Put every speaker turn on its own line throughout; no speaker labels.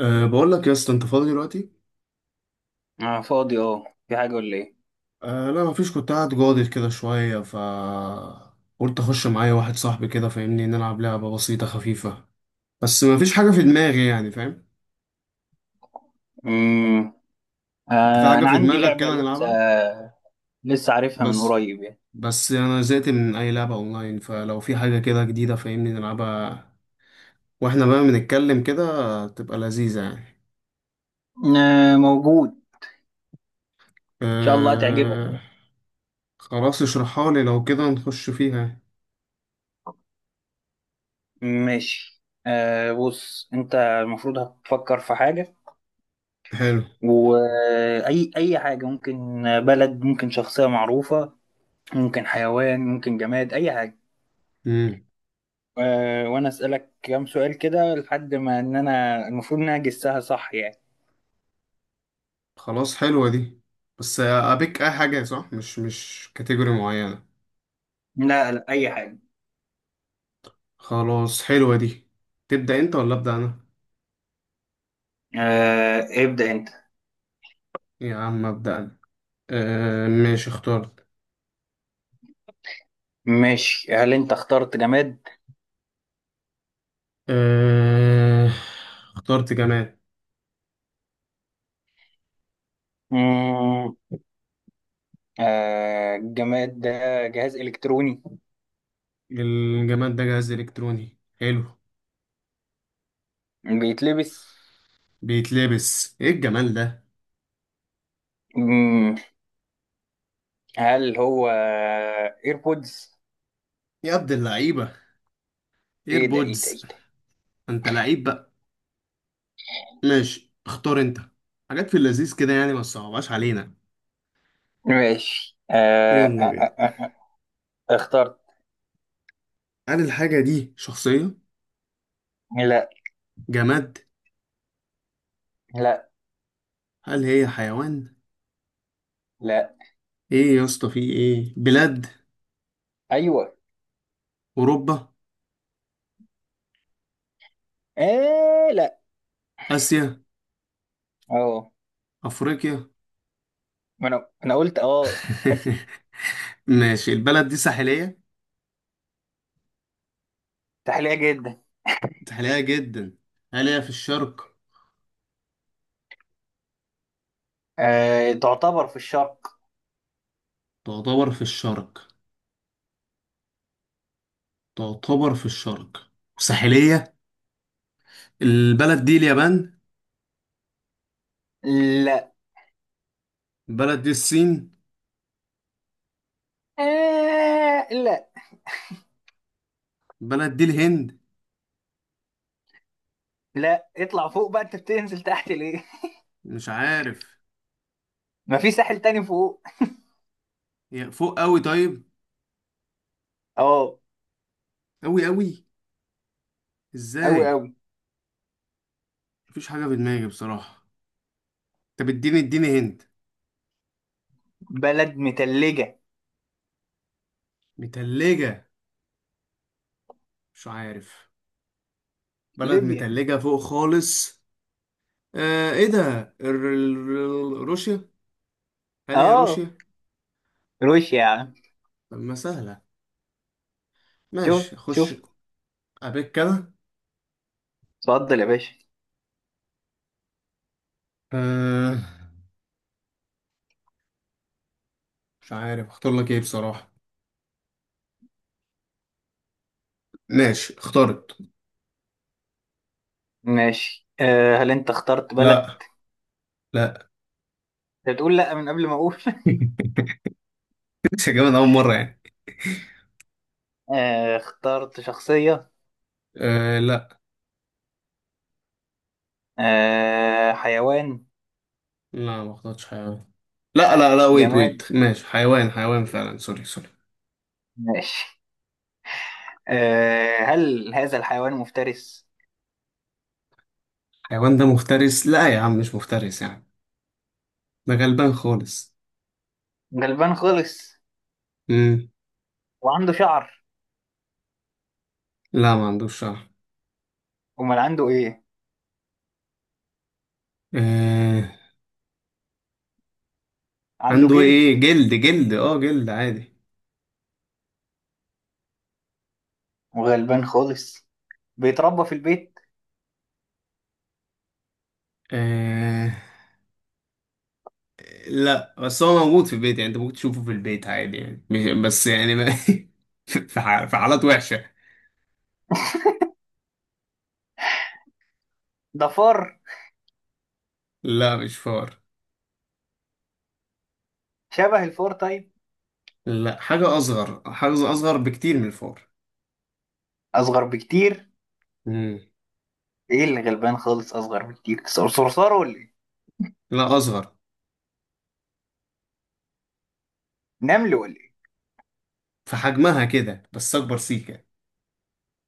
أه، بقول لك يا اسطى، انت فاضي دلوقتي؟
أنا فاضي في حاجة ولا إيه؟
أه لا، مفيش، كنت قاعد جاضي كده شويه، ف قلت اخش معايا واحد صاحبي كده، فاهمني، نلعب لعبه بسيطه خفيفه، بس مفيش حاجه في دماغي، يعني فاهم.
مم.
انت في
آه،
حاجه
أنا
في
عندي
دماغك
لعبة
كده
لسه
نلعبها؟
لسه عارفها من
بس
قريب يعني.
بس انا زهقت من اي لعبه اونلاين، فلو في حاجه كده جديده فاهمني نلعبها، واحنا بقى بنتكلم كده، تبقى لذيذه يعني.
آه، موجود إن شاء الله هتعجبك
أه.
يعني.
خلاص اشرحها لي، لو كده نخش فيها.
ماشي، بص أنت المفروض هتفكر في حاجة،
حلو.
وأي أي حاجة ممكن، بلد، ممكن شخصية معروفة، ممكن حيوان، ممكن جماد، أي حاجة.
مم.
آه، وأنا أسألك كام سؤال كده لحد ما إن أنا المفروض إن أنا أجسها صح يعني.
خلاص حلوة دي، بس أبيك أي حاجة، صح؟ مش كاتيجوري معينة.
لا لا، أي حاجة.
خلاص حلوة دي. تبدأ أنت ولا أبدأ أنا؟
آه، ابدأ أنت.
يا عم أبدأ أنا. آه ماشي، اخترت.
ماشي، هل انت اخترت جماد؟
آه، اخترت جماد.
مم. آه، الجماد ده جهاز الكتروني.
الجماد ده جهاز إلكتروني، حلو.
بيتلبس.
بيتلبس إيه الجمال ده؟
مم. هل هو ايربودز؟
يا عبد اللعيبة،
ايه ده ايه ده
إيربودز.
ايه ده؟
أنت لعيب بقى. ماشي، اختار أنت. حاجات في اللذيذ كده يعني، ما تصعبهاش علينا.
ماشي،
يلا بينا.
آه آه اخترت.
هل الحاجة دي شخصية؟
لا
جماد؟
لا
هل هي حيوان؟
لا،
ايه يا اسطى في ايه؟ بلاد.
ايوه.
اوروبا.
آه لا.
اسيا.
اه
افريقيا.
ما انا قلت اسيا.
ماشي، البلد دي ساحلية؟
ساحلية جدا.
ساحلية جدا. هل هي في الشرق؟
آه، تعتبر في الشرق.
تعتبر في الشرق. تعتبر في الشرق. ساحلية. البلد دي اليابان.
لا.
البلد دي الصين.
آه لا.
البلد دي الهند.
لا، اطلع فوق بقى، انت بتنزل تحت ليه؟
مش عارف.
ما في ساحل تاني فوق.
هي فوق قوي طيب؟
اه.
قوي قوي.
أوي
ازاي؟
أوي.
مفيش حاجة في دماغي بصراحة. طب اديني اديني هند.
بلد متلجة.
متلجة؟ مش عارف. بلد
ليبيا.
متلجة فوق خالص. آه، ايه ده، روسيا. هل هي
اه،
روسيا؟
روسيا يا عم.
طب ما سهلة.
شفت
ماشي اخش.
شفت.
ابيك كده.
اتفضل يا باشا.
آه، مش عارف اختار لك ايه بصراحة. ماشي اخترت.
ماشي، هل انت اخترت بلد؟
لا. لا.
انت بتقول لا من قبل ما اقول.
مش هجيبها من اول مرة يعني.
آه، اخترت شخصية.
آه لا.
آه، حيوان.
لا ما اخترتش حيوان. لا لا لا، ويت
جماد.
ويت، ماشي حيوان حيوان فعلا، سوري سوري.
ماشي. آه، هل هذا الحيوان مفترس؟
حيوان ده مفترس؟ لا يا عم، مش مفترس يعني، ده غلبان خالص.
غلبان خالص.
مم.
وعنده شعر؟
لا ما عندوش شعر.
امال عنده ايه؟
آه،
عنده
عنده ايه؟
جلد.
جلد جلد، اه جلد عادي.
وغلبان خالص. بيتربى في البيت.
آه لا، بس هو موجود في البيت، يعني انت ممكن تشوفه في البيت عادي يعني، مش بس يعني ما في في حالات وحشة.
ده فار؟
لا مش فار.
شبه الفار طيب.
لا حاجة أصغر، حاجة أصغر بكتير من الفار.
اصغر بكتير.
مم.
ايه اللي غلبان خالص اصغر بكتير، صرصار ولا ايه؟
لا أصغر.
نمل ولا ايه؟
في حجمها كده بس أكبر سيكة،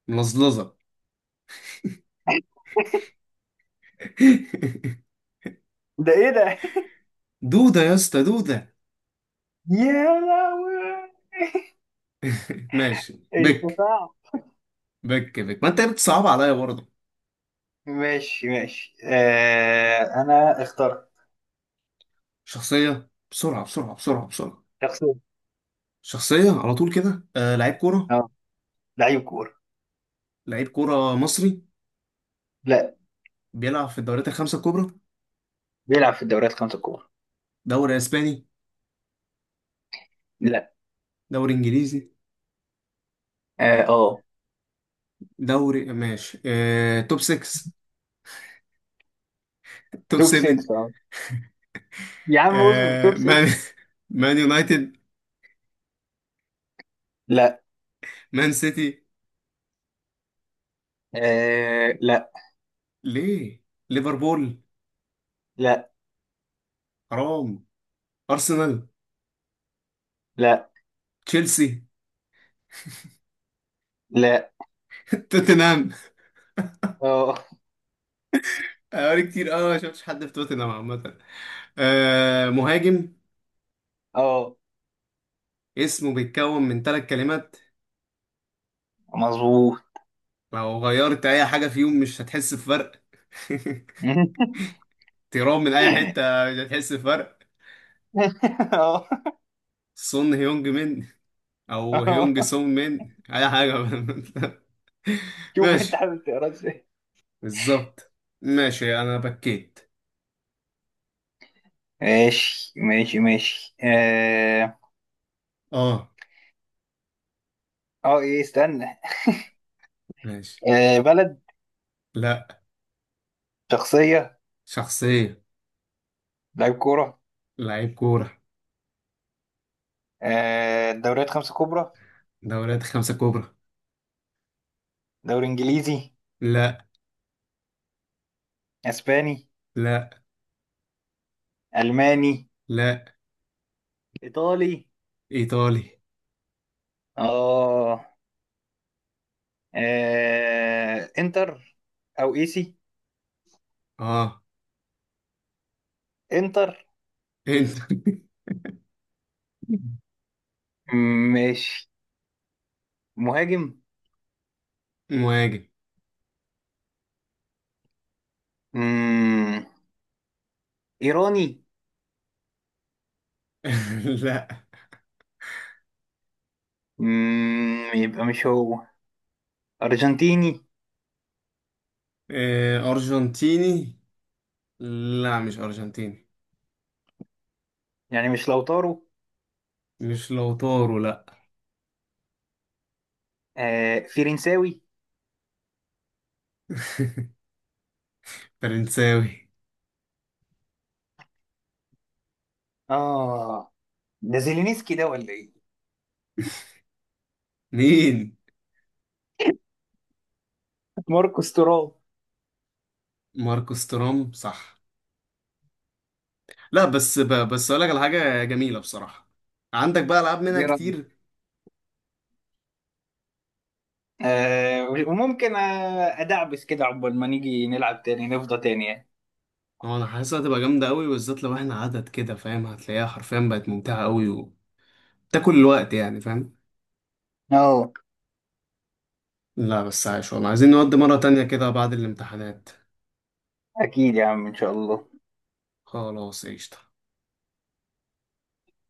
ملظلظة.
ده ايه ده؟
دودة يا اسطى، دودة.
يا لهوي.
ماشي
انت
بك.
صعب.
بك بك، ما أنت بتصعب عليا برضه.
ماشي ماشي، انا اخترت.
شخصية بسرعة بسرعة بسرعة بسرعة.
شخصية.
شخصية. على طول كده، آه لعيب كورة.
اه، لعيب كورة.
لعيب كورة مصري.
لا.
بيلعب في الدوريات الخمسة الكبرى.
بيلعب في الدوريات الخمسة الكبرى.
دوري اسباني.
لا.
دوري انجليزي.
اه آه.
دوري ماشي، آه توب 6. توب
توب
7.
6. اه يا عم اصبر،
آه
توب
مان.
6.
مان يونايتد.
لا.
مان سيتي.
آه لا.
ليه. ليفربول.
لا
حرام. ارسنال.
لا
تشيلسي.
لا.
توتنهام.
اه
اوري كتير، اه ما شفتش حد في توتنهام عامة. آه مهاجم.
اه
اسمه بيتكون من ثلاث كلمات.
مظبوط.
لو غيرت اي حاجة فيهم مش هتحس بفرق. تيرام من اي حته، مش هتحس بفرق.
اه
سون هيونج من، او هيونج
اه
سون من اي حاجه.
شوف انت
ماشي،
حابب تقرا ازاي.
بالظبط. ماشي انا بكيت.
ماشي ماشي ماشي.
اه.
ايه استنى.
ماشي.
آه، بلد.
لا.
شخصية.
شخصيه.
لعيب كورة.
لعيب كوره.
آه، دوريات خمسة كبرى.
دوريات خمسه كبرى.
دوري انجليزي.
لا.
اسباني.
لا.
الماني.
لا.
ايطالي.
ايطالي.
اه. آه، انتر. او ايسي.
اه.
انتر.
انت.
مم، ماشي. مهاجم.
مهاجم.
مم، ايراني.
لا.
يبقى مش هو. ارجنتيني.
آه، ارجنتيني. لا مش ارجنتيني.
يعني مش لوتارو.
مش لوتارو لا.
آه، فرنساوي.
فرنساوي.
اه. ده زيلينسكي ده ولا ايه؟
مين؟
ماركوس تورام.
ماركوس تورام صح. لا بس بس اقول لك على حاجه جميله بصراحه، عندك بقى العاب منها
دي رأيي.
كتير.
آه، وممكن ادعبس كده عقبال ما نيجي نلعب تاني، نفضى تاني يعني.
اه انا حاسسها هتبقى جامده قوي، بالذات لو احنا عدد كده فاهم، هتلاقيها حرفيا بقت ممتعه قوي، وتاكل الوقت يعني فاهم.
اه،
لا بس عايش والله، عايزين نودي مره تانية كده بعد الامتحانات.
اكيد يا عم ان شاء الله.
خلاص قشطه.